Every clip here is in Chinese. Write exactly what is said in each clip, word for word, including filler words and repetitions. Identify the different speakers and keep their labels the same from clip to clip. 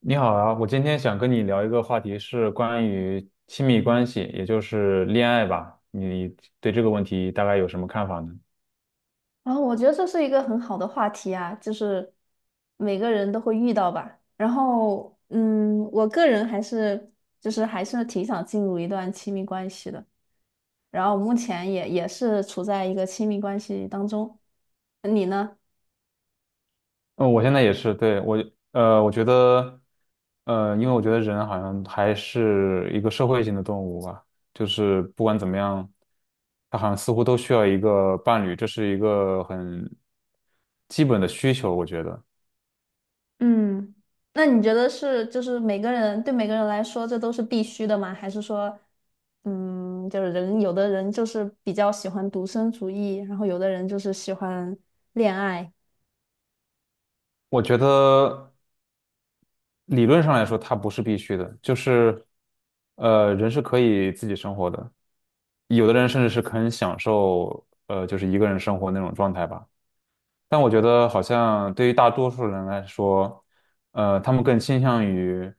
Speaker 1: 你好啊，我今天想跟你聊一个话题，是关于亲密关系，也就是恋爱吧。你对这个问题大概有什么看法呢？
Speaker 2: 然后我觉得这是一个很好的话题啊，就是每个人都会遇到吧。然后，嗯，我个人还是就是还是挺想进入一段亲密关系的。然后目前也也是处在一个亲密关系当中。你呢？
Speaker 1: 嗯，我现在也是，对，我，呃，我觉得，呃，因为我觉得人好像还是一个社会性的动物吧，就是不管怎么样，他好像似乎都需要一个伴侣，这是一个很基本的需求，我觉得。
Speaker 2: 嗯，那你觉得是就是每个人对每个人来说这都是必须的吗？还是说，嗯，就是人有的人就是比较喜欢独身主义，然后有的人就是喜欢恋爱。
Speaker 1: 我觉得。理论上来说，它不是必须的，就是，呃，人是可以自己生活的，有的人甚至是很享受，呃，就是一个人生活那种状态吧。但我觉得，好像对于大多数人来说，呃，他们更倾向于，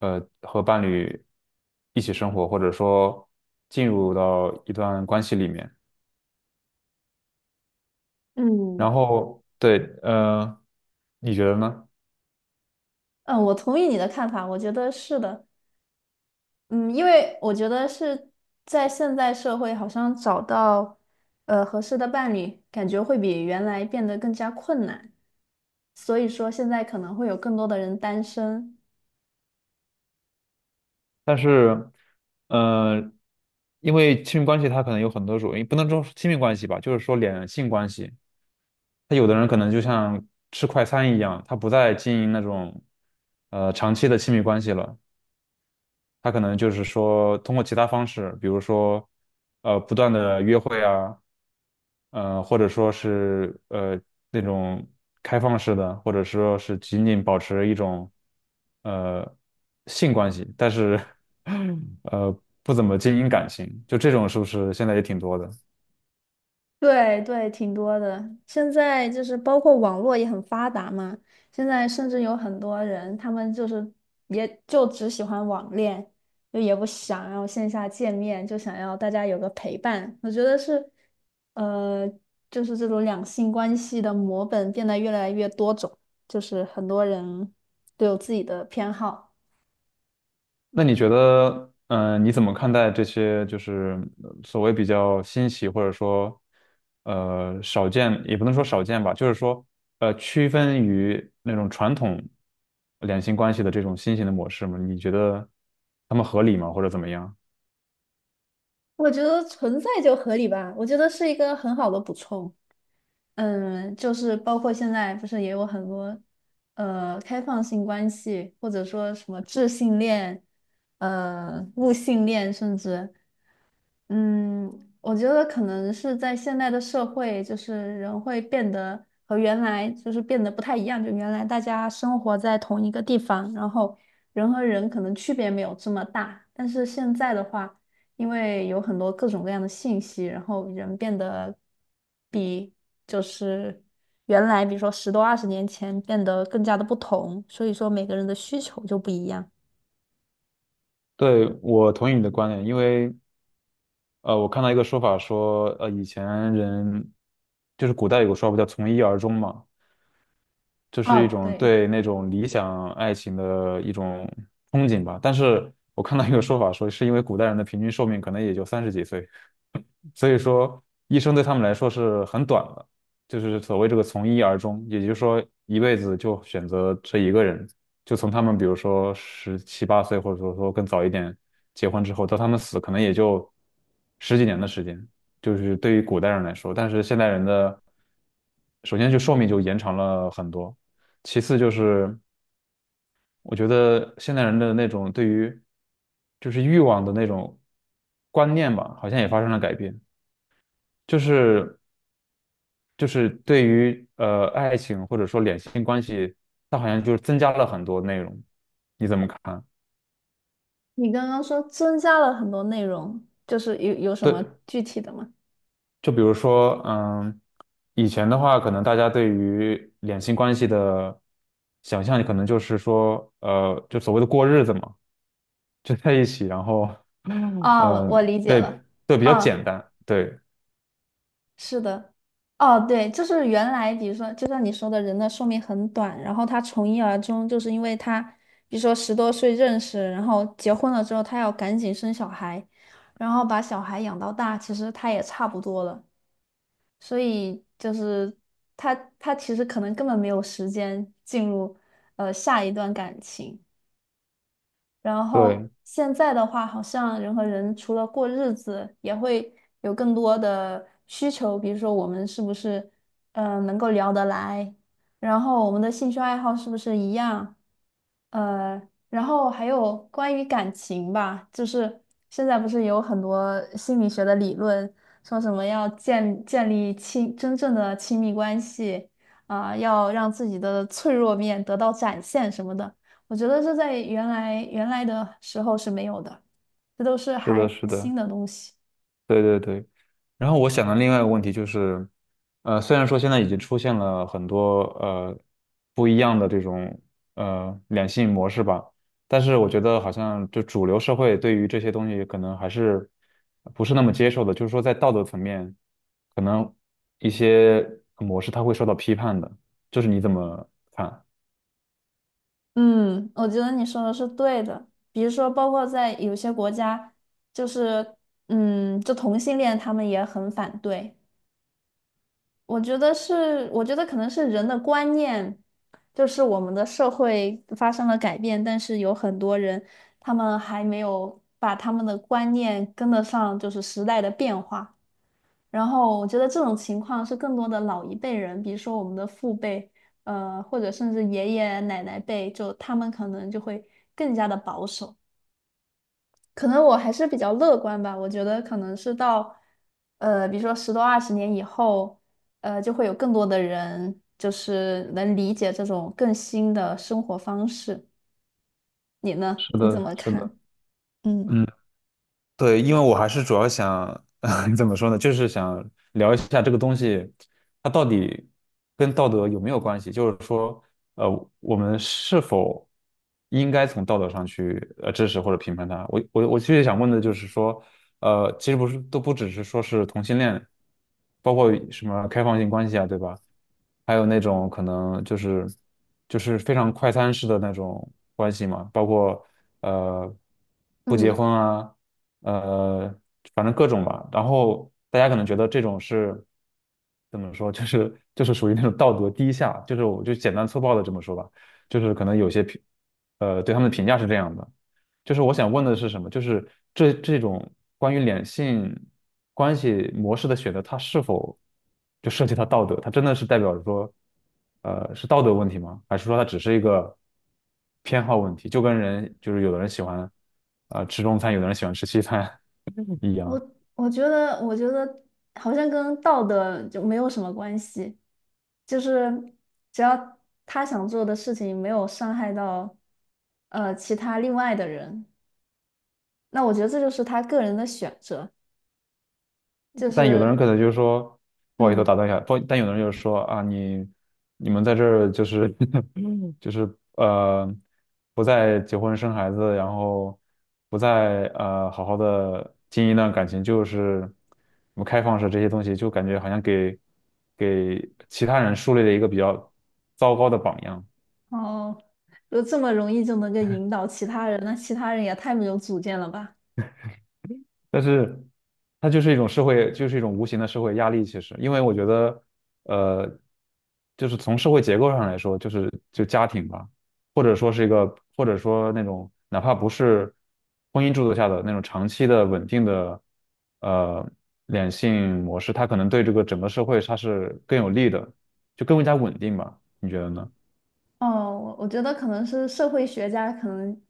Speaker 1: 呃，和伴侣一起生活，或者说进入到一段关系里面。
Speaker 2: 嗯。
Speaker 1: 然后，对，呃，你觉得呢？
Speaker 2: 嗯，我同意你的看法，我觉得是的。嗯，因为我觉得是在现在社会，好像找到呃合适的伴侣，感觉会比原来变得更加困难。所以说，现在可能会有更多的人单身。
Speaker 1: 但是，呃，因为亲密关系它可能有很多种，也不能说是亲密关系吧，就是说两性关系，他有的人可能就像吃快餐一样，他不再经营那种呃长期的亲密关系了，他可能就是说通过其他方式，比如说呃不断的约会啊，呃或者说是呃那种开放式的，或者说是仅仅保持一种呃性关系，但是 呃不怎么经营感情，就这种是不是现在也挺多的？
Speaker 2: 对对，挺多的。现在就是包括网络也很发达嘛，现在甚至有很多人，他们就是也就只喜欢网恋，就也不想要线下见面，就想要大家有个陪伴。我觉得是，呃，就是这种两性关系的模本变得越来越多种，就是很多人都有自己的偏好。
Speaker 1: 那你觉得，嗯、你怎么看待这些就是呃所谓比较新奇或者说，呃，少见，也不能说少见吧，就是说，呃，区分于那种传统两性关系的这种新型的模式吗？你觉得他们合理吗，或者怎么样？
Speaker 2: 我觉得存在就合理吧，我觉得是一个很好的补充。嗯，就是包括现在不是也有很多呃开放性关系，或者说什么智性恋、呃物性恋，甚至。嗯，我觉得可能是在现代的社会，就是人会变得和原来就是变得不太一样。就原来大家生活在同一个地方，然后人和人可能区别没有这么大。但是现在的话，因为有很多各种各样的信息，然后人变得比就是原来，比如说十多二十年前变得更加的不同，所以说每个人的需求就不一样。
Speaker 1: 对，我同意你的观点，因为呃，我看到一个说法说，呃，以前人就是古代有个说法叫从一而终嘛，就是一
Speaker 2: 哦，
Speaker 1: 种
Speaker 2: 对。
Speaker 1: 对那种理想爱情的一种憧憬吧。但是我看到一个说法说，是因为古代人的平均寿命可能也就三十几岁。所以说，一生对他们来说是很短的，就是所谓这个从一而终，也就是说一辈子就选择这一个人，就从他们比如说十七八岁，或者说说更早一点结婚之后，到他们死可能也就十几年的时间，就是对于古代人来说，但是现代人的首先就寿命就延长了很多，其次就是我觉得现代人的那种对于就是欲望的那种观念吧，好像也发生了改变。就是就是对于呃爱情或者说两性关系，它好像就是增加了很多内容，你怎么看？
Speaker 2: 你刚刚说增加了很多内容，就是有有什
Speaker 1: 对，
Speaker 2: 么具体的吗？
Speaker 1: 就比如说，嗯，以前的话，可能大家对于两性关系的想象，可能就是说，呃，就所谓的过日子嘛，就在一起，然后，
Speaker 2: 哦，
Speaker 1: 嗯，
Speaker 2: 我
Speaker 1: 呃
Speaker 2: 我理解
Speaker 1: 对
Speaker 2: 了。
Speaker 1: 对，比较简
Speaker 2: 哦，
Speaker 1: 单，对
Speaker 2: 是的。哦，对，就是原来比如说，就像你说的，人的寿命很短，然后他从一而终，就是因为他，比如说十多岁认识，然后结婚了之后，他要赶紧生小孩，然后把小孩养到大，其实他也差不多了。所以就是他他其实可能根本没有时间进入呃下一段感情。然后
Speaker 1: 对，
Speaker 2: 现在的话，好像人和人除了过日子，也会有更多的需求，比如说我们是不是呃能够聊得来，然后我们的兴趣爱好是不是一样，呃，然后还有关于感情吧，就是现在不是有很多心理学的理论，说什么要建建立亲真正的亲密关系，啊、要让自己的脆弱面得到展现什么的。我觉得这在原来原来的时候是没有的，这都是
Speaker 1: 是
Speaker 2: 还
Speaker 1: 的，是
Speaker 2: 蛮
Speaker 1: 的。
Speaker 2: 新的东西。
Speaker 1: 对对对。然后我想的另外一个问题就是，呃，虽然说现在已经出现了很多呃不一样的这种呃两性模式吧，但是我觉得好像就主流社会对于这些东西可能还是不是那么接受的，就是说在道德层面，可能一些模式它会受到批判的，就是你怎么看？
Speaker 2: 嗯，我觉得你说的是对的。比如说，包括在有些国家，就是嗯，就同性恋他们也很反对。我觉得是，我觉得可能是人的观念，就是我们的社会发生了改变，但是有很多人他们还没有把他们的观念跟得上，就是时代的变化。然后我觉得这种情况是更多的老一辈人，比如说我们的父辈，呃，或者甚至爷爷奶奶辈，就他们可能就会更加的保守。可能我还是比较乐观吧，我觉得可能是到，呃，比如说十多二十年以后，呃，就会有更多的人就是能理解这种更新的生活方式。你呢？
Speaker 1: 是
Speaker 2: 你怎
Speaker 1: 的，
Speaker 2: 么
Speaker 1: 是的。
Speaker 2: 看？嗯。
Speaker 1: 嗯。对，因为我还是主要想，怎么说呢，就是想聊一下这个东西，它到底跟道德有没有关系？就是说，呃，我们是否应该从道德上去呃支持或者评判它？我我我其实想问的就是说，呃，其实不是都不只是说是同性恋，包括什么开放性关系啊，对吧？还有那种可能就是就是非常快餐式的那种关系嘛，包括呃不结
Speaker 2: 嗯。
Speaker 1: 婚啊。呃，反正各种吧。然后大家可能觉得这种是怎么说，就是就是属于那种道德低下，就是我就简单粗暴的这么说吧，就是可能有些评，呃，对他们的评价是这样的。就是我想问的是什么？就是这这种关于两性关系模式的选择，它是否就涉及到道德？它真的是代表着说，呃，是道德问题吗？还是说它只是一个偏好问题？就跟人就是有的人喜欢啊呃吃中餐，有的人喜欢吃西餐 一样。
Speaker 2: 我我觉得，我觉得好像跟道德就没有什么关系，就是只要他想做的事情没有伤害到呃其他另外的人，那我觉得这就是他个人的选择，就
Speaker 1: 但有的人
Speaker 2: 是
Speaker 1: 可能就是说，不好意思，我
Speaker 2: 嗯，
Speaker 1: 打断一下，不，但有的人就是说啊，你你们在这儿就是 就是呃，不再结婚生孩子，然后不再呃好好的经营一段感情，就是什么开放式这些东西，就感觉好像给给其他人树立了一个比较糟糕的榜样。
Speaker 2: 哦，就这么容易就能够引导其他人，那其他人也太没有主见了吧。
Speaker 1: 但是它就是一种社会，就是一种无形的社会压力。其实，因为我觉得，呃，就是从社会结构上来说，就是就家庭吧，或者说是一个，或者说那种哪怕不是婚姻制度下的那种长期的稳定的呃两性模式，它可能对这个整个社会它是更有利的，就更加稳定吧？你觉得呢？
Speaker 2: 哦，我我觉得可能是社会学家可能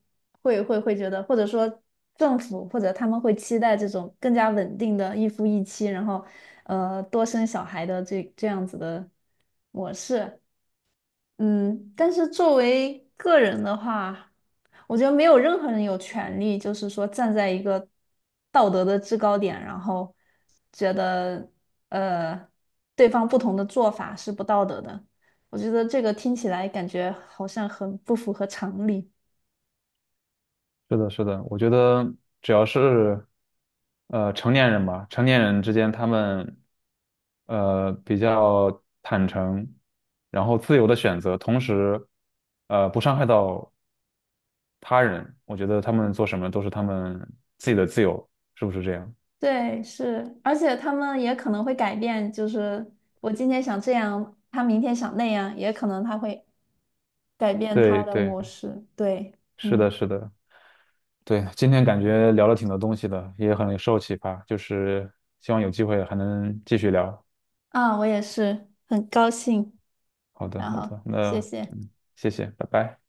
Speaker 2: 会会会觉得，或者说政府或者他们会期待这种更加稳定的一夫一妻，然后呃多生小孩的这这样子的模式。嗯，但是作为个人的话，我觉得没有任何人有权利，就是说站在一个道德的制高点，然后觉得呃对方不同的做法是不道德的。我觉得这个听起来感觉好像很不符合常理。
Speaker 1: 是的，是的，我觉得只要是呃成年人吧，成年人之间他们呃比较坦诚，然后自由的选择，同时呃不伤害到他人，我觉得他们做什么都是他们自己的自由，是不是这样？
Speaker 2: 对，是，而且他们也可能会改变，就是我今天想这样，他明天想那样，也可能他会改变他
Speaker 1: 对
Speaker 2: 的
Speaker 1: 对，
Speaker 2: 模式。对，
Speaker 1: 是的，
Speaker 2: 嗯。
Speaker 1: 是的，对，今天感觉聊了挺多东西的，也很受启发，就是希望有机会还能继续聊。
Speaker 2: 啊，我也是，很高兴，
Speaker 1: 好的，
Speaker 2: 然
Speaker 1: 好
Speaker 2: 后
Speaker 1: 的，
Speaker 2: 谢
Speaker 1: 那
Speaker 2: 谢，
Speaker 1: 嗯，谢谢，拜拜。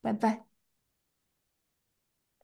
Speaker 2: 拜拜。